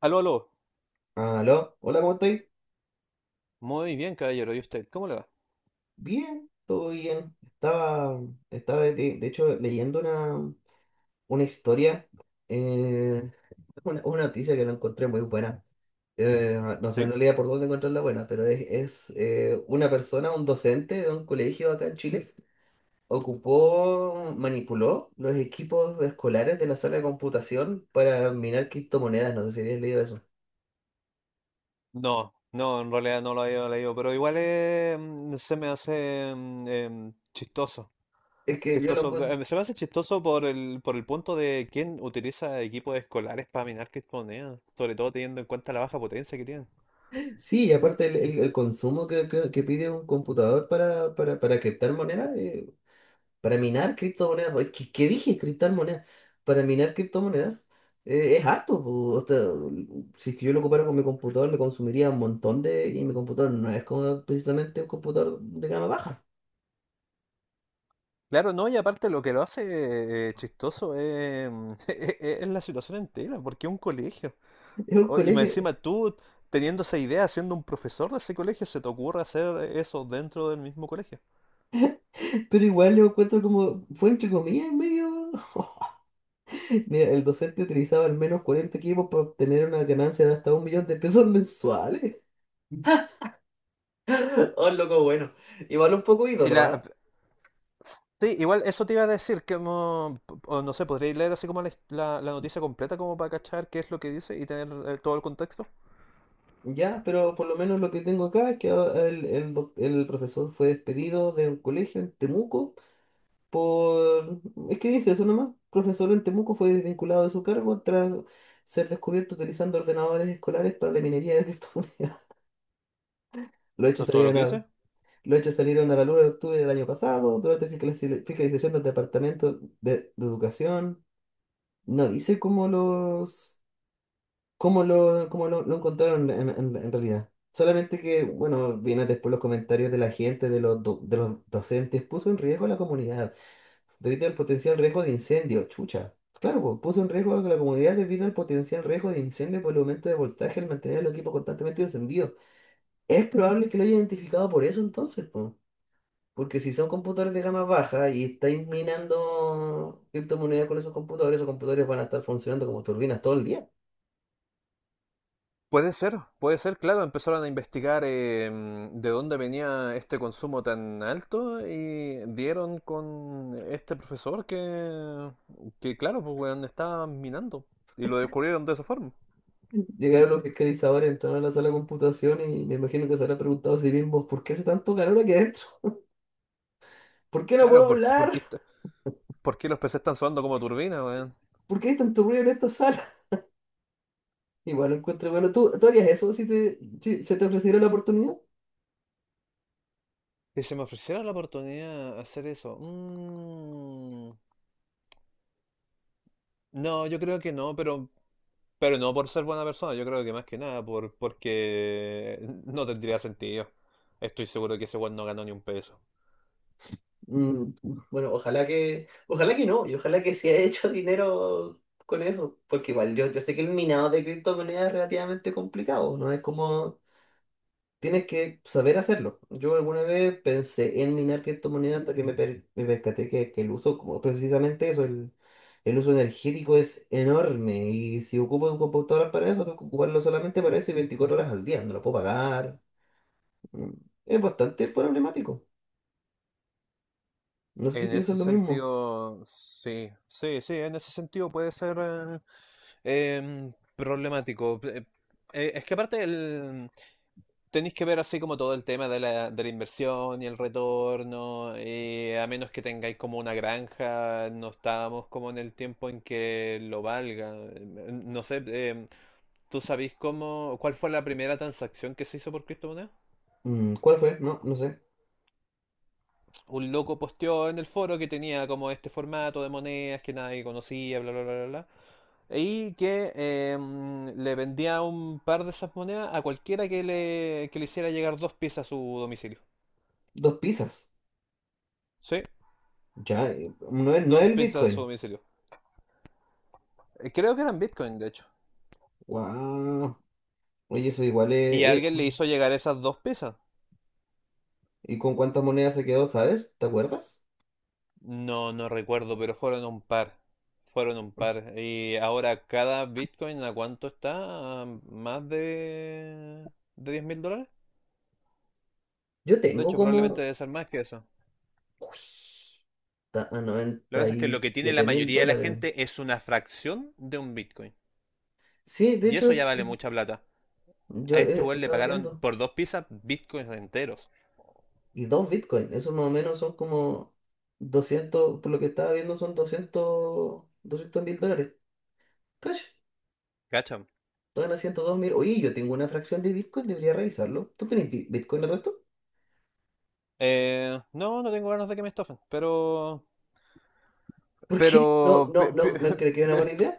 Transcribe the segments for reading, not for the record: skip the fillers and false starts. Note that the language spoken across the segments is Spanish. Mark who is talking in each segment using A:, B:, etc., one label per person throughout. A: Aló, aló.
B: Ah, aló, hola, ¿cómo estáis?
A: Muy bien, caballero. ¿Y usted? ¿Cómo le va?
B: Bien, todo bien. Estaba de hecho leyendo una historia, eh, una noticia que la encontré muy buena. No sé en
A: ¿Sí?
B: realidad por dónde encontrarla buena, pero es una persona, un docente de un colegio acá en Chile, ocupó, manipuló los equipos escolares de la sala de computación para minar criptomonedas. No sé si habías leído eso.
A: No, no, en realidad no lo había leído, pero igual se me hace chistoso.
B: Es que yo lo
A: Chistoso.
B: encuentro.
A: Se me hace chistoso por el punto de quién utiliza equipos escolares para minar criptomonedas, sobre todo teniendo en cuenta la baja potencia que tienen.
B: Sí, y aparte el consumo que pide un computador para criptar monedas, para minar criptomonedas, oye, ¿qué dije? Criptar monedas, para minar criptomonedas, es harto po, o sea, si es que yo lo ocupara con mi computador, me consumiría un montón de... Y mi computador no es como precisamente un computador de gama baja.
A: Claro, no, y aparte lo que lo hace chistoso es, es la situación entera, porque es un colegio.
B: Es un
A: Oh, y más
B: colegio.
A: encima tú, teniendo esa idea, siendo un profesor de ese colegio, se te ocurre hacer eso dentro del mismo colegio.
B: Pero igual lo encuentro como, fue entre comillas, medio... Mira, el docente utilizaba al menos 40 equipos para obtener una ganancia de hasta 1 millón de pesos mensuales. Oh, el loco, bueno. Igual un poco
A: Y
B: ídolo,
A: la...
B: ¿ah?
A: Sí, igual eso te iba a decir, que no, o no sé, podríais leer así como la noticia completa como para cachar qué es lo que dice y tener todo el contexto.
B: Ya, pero por lo menos lo que tengo acá es que el profesor fue despedido de un colegio en Temuco por... Es que dice eso nomás. Profesor en Temuco fue desvinculado de su cargo tras ser descubierto utilizando ordenadores escolares para la minería de criptomonedas. Los
A: ¿Eso
B: hechos
A: es todo lo
B: salieron
A: que
B: a,
A: dice?
B: los hechos salieron a la luz en octubre del año pasado durante fiscalización del Departamento de Educación. No dice cómo los... ¿Cómo lo encontraron en realidad? Solamente que, bueno, vienen después los comentarios de la gente, de de los docentes, puso en riesgo a la comunidad debido al potencial riesgo de incendio, chucha. Claro, pues, puso en riesgo a la comunidad debido al potencial riesgo de incendio por el aumento de voltaje al mantener el equipo constantemente encendido. Es probable que lo haya identificado por eso entonces, pues. Porque si son computadores de gama baja y estáis minando criptomonedas con esos computadores van a estar funcionando como turbinas todo el día.
A: Puede ser, claro, empezaron a investigar de dónde venía este consumo tan alto y dieron con este profesor que claro, pues weón, estaba minando y lo descubrieron de esa forma.
B: Llegaron los fiscalizadores, entraron a la sala de computación y me imagino que se habrá preguntado a sí mismo, ¿por qué hace tanto calor aquí adentro? ¿Por qué no
A: Claro,
B: puedo
A: porque, porque,
B: hablar?
A: está- ¿por qué los PC están sonando como turbina, weón?
B: ¿Por qué hay tanto ruido en esta sala? Igual lo encuentro, bueno, ¿tú, tú harías eso si si se te ofreciera la oportunidad?
A: Que se me ofreciera la oportunidad de hacer eso. No, yo creo que no, pero no por ser buena persona, yo creo que más que nada, porque no tendría sentido. Estoy seguro que ese weón no ganó ni un peso.
B: Mm, bueno, ojalá que no, y ojalá que se haya hecho dinero con eso, porque igual yo sé que el minado de criptomonedas es relativamente complicado, no es como. Tienes que saber hacerlo. Yo alguna vez pensé en minar criptomonedas hasta que me percaté que, el uso, como precisamente eso, el uso energético es enorme. Y si ocupo un computador para eso, tengo que ocuparlo solamente para eso y 24 horas al día. No lo puedo pagar. Mm, es bastante problemático. No sé si
A: En
B: piensas
A: ese
B: lo mismo.
A: sentido, sí, sí, sí, en ese sentido puede ser problemático. Es que aparte tenéis que ver así como todo el tema de la inversión y el retorno, a menos que tengáis como una granja, no estábamos como en el tiempo en que lo valga. No sé, ¿tú sabéis cómo, cuál fue la primera transacción que se hizo por criptomonedas?
B: Mm, ¿cuál fue? No, no sé.
A: Un loco posteó en el foro que tenía como este formato de monedas que nadie conocía, bla, bla, bla, bla, bla. Y que le vendía un par de esas monedas a cualquiera que le hiciera llegar dos piezas a su domicilio.
B: Dos pizzas.
A: ¿Sí?
B: Ya, no es
A: Dos
B: el
A: pizzas a su
B: Bitcoin.
A: domicilio. Creo que eran Bitcoin, de hecho.
B: Wow. Oye, eso igual
A: Y
B: es...
A: alguien le hizo llegar esas dos pizzas.
B: ¿Y con cuántas monedas se quedó, sabes? ¿Te acuerdas?
A: No, no recuerdo, pero fueron un par. Fueron un par. Y ahora cada Bitcoin, ¿a cuánto está? ¿A más de 10 mil dólares?
B: Yo
A: De
B: tengo
A: hecho, probablemente
B: como.
A: debe ser más que eso.
B: Uy, está a
A: Lo que
B: noventa
A: pasa es que
B: y
A: lo que tiene la
B: siete mil
A: mayoría de la
B: dólares.
A: gente es una fracción de un Bitcoin.
B: Sí, de
A: Y
B: hecho,
A: eso ya
B: es,
A: vale mucha plata.
B: yo
A: A este weón le
B: estaba
A: pagaron
B: viendo.
A: por dos pizzas Bitcoins enteros.
B: Y dos Bitcoin, eso más o menos son como 200 por lo que estaba viendo son doscientos mil dólares. Cacha,
A: ¿Cachan?
B: están a 102.000. Oye, yo tengo una fracción de Bitcoin, debería revisarlo. ¿Tú tenés Bitcoin no tanto?
A: No, no tengo ganas de que me estofen, pero
B: ¿Por qué? No,
A: Pero,
B: no, no, no creo que es una buena idea.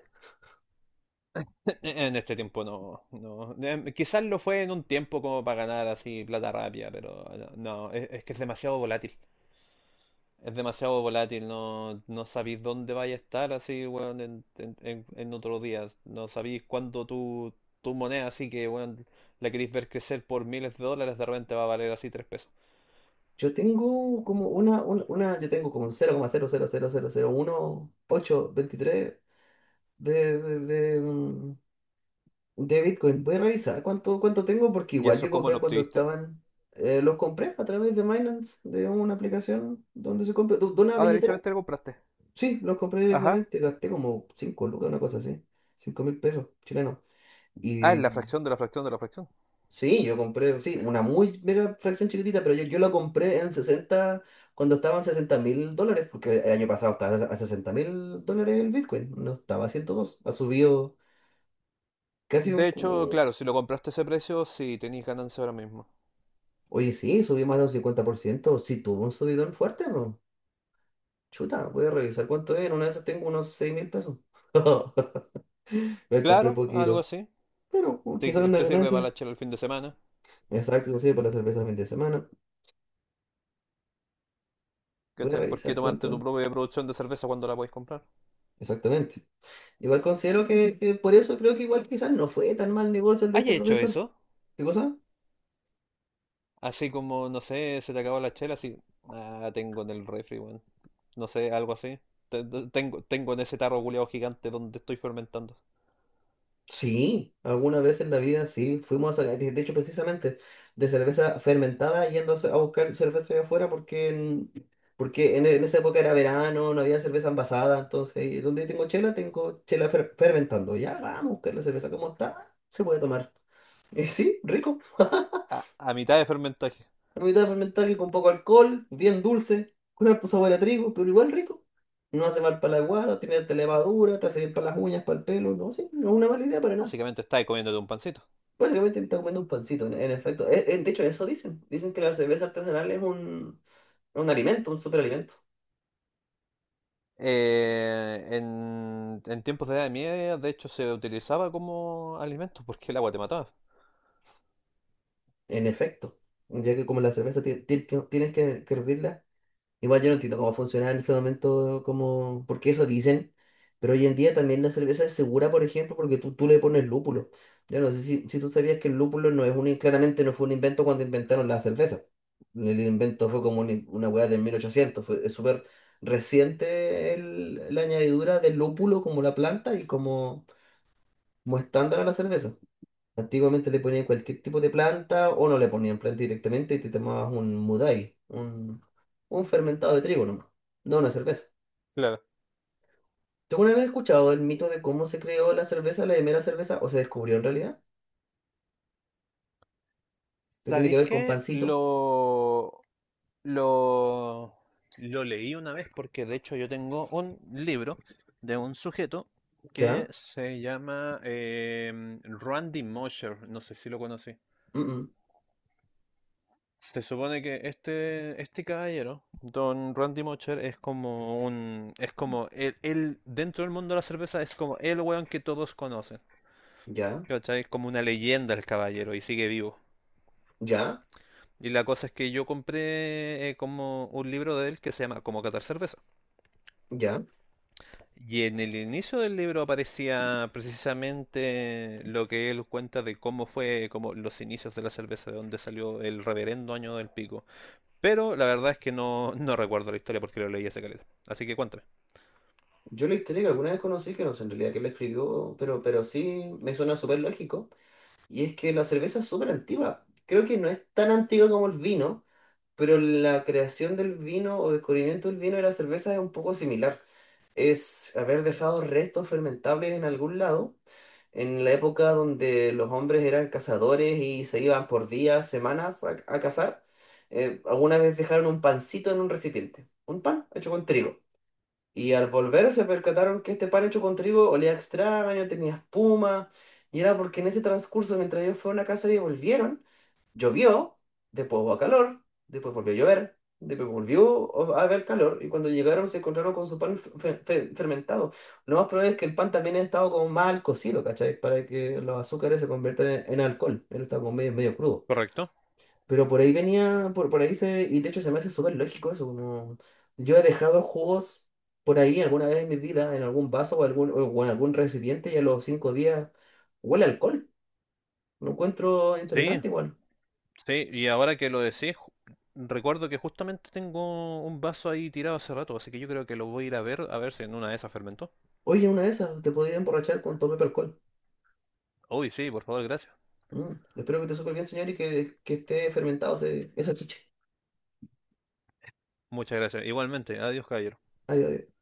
A: en este tiempo no, no. Quizás lo fue en un tiempo como para ganar así plata rápida, pero no, es que es demasiado volátil. Es demasiado volátil, no, no sabéis dónde vais a estar así, weón, en otros días. No sabéis cuándo tu, tu moneda, así que, weón, la queréis ver crecer por miles de dólares, de repente va a valer así tres pesos.
B: Yo tengo como yo tengo como un 0,000001, 8, 23 de, de, de Bitcoin, voy a revisar cuánto tengo porque
A: ¿Y
B: igual
A: eso
B: yo
A: cómo
B: compré
A: lo
B: cuando
A: obtuviste?
B: estaban, los compré a través de Binance, de una aplicación donde se compra, de una
A: Ah,
B: billetera.
A: derechamente lo compraste.
B: Sí, los compré
A: Ajá.
B: directamente, gasté como 5 lucas, una cosa así, 5.000 pesos chilenos.
A: Ah, es
B: Y
A: la fracción de la fracción de la fracción.
B: sí, yo compré, sí, una muy mega fracción chiquitita, pero yo la compré en 60 cuando estaban 60.000 dólares, porque el año pasado estaba a 60.000 dólares el Bitcoin, no estaba a 102, ha subido casi un,
A: De hecho,
B: cu-.
A: claro, si lo compraste a ese precio, sí, tenéis ganancia ahora mismo.
B: Oye, sí, subí más de un 50%. Sí, tuvo un subidón fuerte, bro. Chuta, voy a revisar cuánto era. Una vez tengo unos 6.000 pesos. Me compré
A: Claro, algo
B: poquito.
A: así.
B: Pero
A: Te,
B: quizás una
A: te sirve para
B: ganancia.
A: la chela el fin de semana.
B: Exacto, sí, para la cerveza de fin de semana. Voy a
A: ¿Cachai? ¿Por qué
B: revisar
A: tomarte tu
B: cuánto.
A: propia producción de cerveza cuando la podéis comprar?
B: Exactamente. Igual considero que, por eso creo que igual quizás no fue tan mal negocio el de
A: ¿Has
B: este
A: hecho
B: profesor.
A: eso?
B: ¿Qué cosa?
A: Así como, no sé, se te acabó la chela, así. Ah, tengo en el refri, weón. No sé, algo así. Tengo, tengo en ese tarro culeado gigante donde estoy fermentando.
B: Sí, alguna vez en la vida sí, fuimos a, de hecho precisamente de cerveza fermentada yendo a, buscar cerveza allá afuera porque, porque en esa época era verano, no había cerveza envasada, entonces donde tengo chela fermentando, ya vamos a buscar la cerveza como está, se puede tomar. Y sí, rico,
A: A, a mitad de fermentaje.
B: la mitad fermentada que con poco alcohol, bien dulce, con harto sabor a trigo, pero igual rico. No hace mal para la guada, tiene harta levadura, te hace bien para las uñas, para el pelo, no, sí, no es una mala idea para nada.
A: Básicamente estáis comiéndote un pancito.
B: Básicamente me está comiendo un pancito, en efecto. De hecho, eso dicen. Dicen que la cerveza artesanal es un alimento, un superalimento.
A: En tiempos de Edad Media, de hecho, se utilizaba como alimento porque el agua te mataba.
B: En efecto. Ya que como la cerveza tienes que hervirla. Igual yo no entiendo cómo funcionaba en ese momento, como, porque eso dicen, pero hoy en día también la cerveza es segura, por ejemplo, porque tú le pones lúpulo. Yo no sé si tú sabías que el lúpulo no es un, claramente no fue un invento cuando inventaron la cerveza. El invento fue como una hueá de 1800 fue, es súper reciente la añadidura del lúpulo como la planta y como, como estándar a la cerveza. Antiguamente le ponían cualquier tipo de planta o no le ponían planta directamente y te tomabas un Mudai, un fermentado de trigo nomás, no una cerveza.
A: Claro.
B: ¿Tú alguna vez has escuchado el mito de cómo se creó la cerveza, la primera cerveza, o se descubrió en realidad? Que tiene que
A: ¿Sabéis
B: ver con
A: qué?
B: pancito.
A: Lo, lo leí una vez porque de hecho yo tengo un libro de un sujeto que
B: ¿Ya?
A: se llama Randy Mosher, no sé si lo conocí.
B: Mm-mm.
A: Se supone que este caballero, Don Randy Mocher, es como un... Es como él, dentro del mundo de la cerveza, es como el weón que todos conocen.
B: ¿Ya?
A: ¿Cachai? Es como una leyenda el caballero y sigue vivo.
B: ¿Ya?
A: Y la cosa es que yo compré como un libro de él que se llama Como catar cerveza.
B: ¿Ya?
A: Y en el inicio del libro aparecía precisamente lo que él cuenta de cómo fue como los inicios de la cerveza, de dónde salió el reverendo año del pico. Pero la verdad es que no, no recuerdo la historia porque lo leí hace caleta. Así que cuéntame.
B: Yo la historia que alguna vez conocí, que no sé en realidad quién la escribió, pero, sí me suena súper lógico, y es que la cerveza es súper antigua. Creo que no es tan antigua como el vino, pero la creación del vino o descubrimiento del vino y la cerveza es un poco similar. Es haber dejado restos fermentables en algún lado en la época donde los hombres eran cazadores y se iban por días, semanas a cazar, alguna vez dejaron un pancito en un recipiente, un pan hecho con trigo. Y al volver se percataron que este pan hecho con trigo olía extraño, tenía espuma, y era porque en ese transcurso, mientras ellos fueron a casa y volvieron, llovió, después hubo calor, después volvió a llover, después volvió a haber calor y cuando llegaron se encontraron con su pan fermentado. Lo más probable es que el pan también ha estado como mal cocido, ¿cachai? Para que los azúcares se conviertan en alcohol. Él está como medio, medio crudo.
A: ¿Correcto?
B: Pero por ahí venía, por ahí se, y de hecho se me hace súper lógico eso, como yo he dejado jugos por ahí alguna vez en mi vida, en algún vaso o, algún, o en algún recipiente y a los 5 días huele a alcohol. Lo encuentro
A: Sí,
B: interesante igual.
A: sí. Y ahora que lo decís, ju- recuerdo que justamente tengo un vaso ahí tirado hace rato, así que yo creo que lo voy a ir a ver si en una de esas fermentó.
B: Oye, una de esas, te podría emborrachar con tu propio alcohol.
A: Uy, sí, por favor, gracias.
B: Mm, espero que te supe bien, señor, y que, esté fermentado esa chicha.
A: Muchas gracias. Igualmente. Adiós, caballero.
B: Adiós, adiós.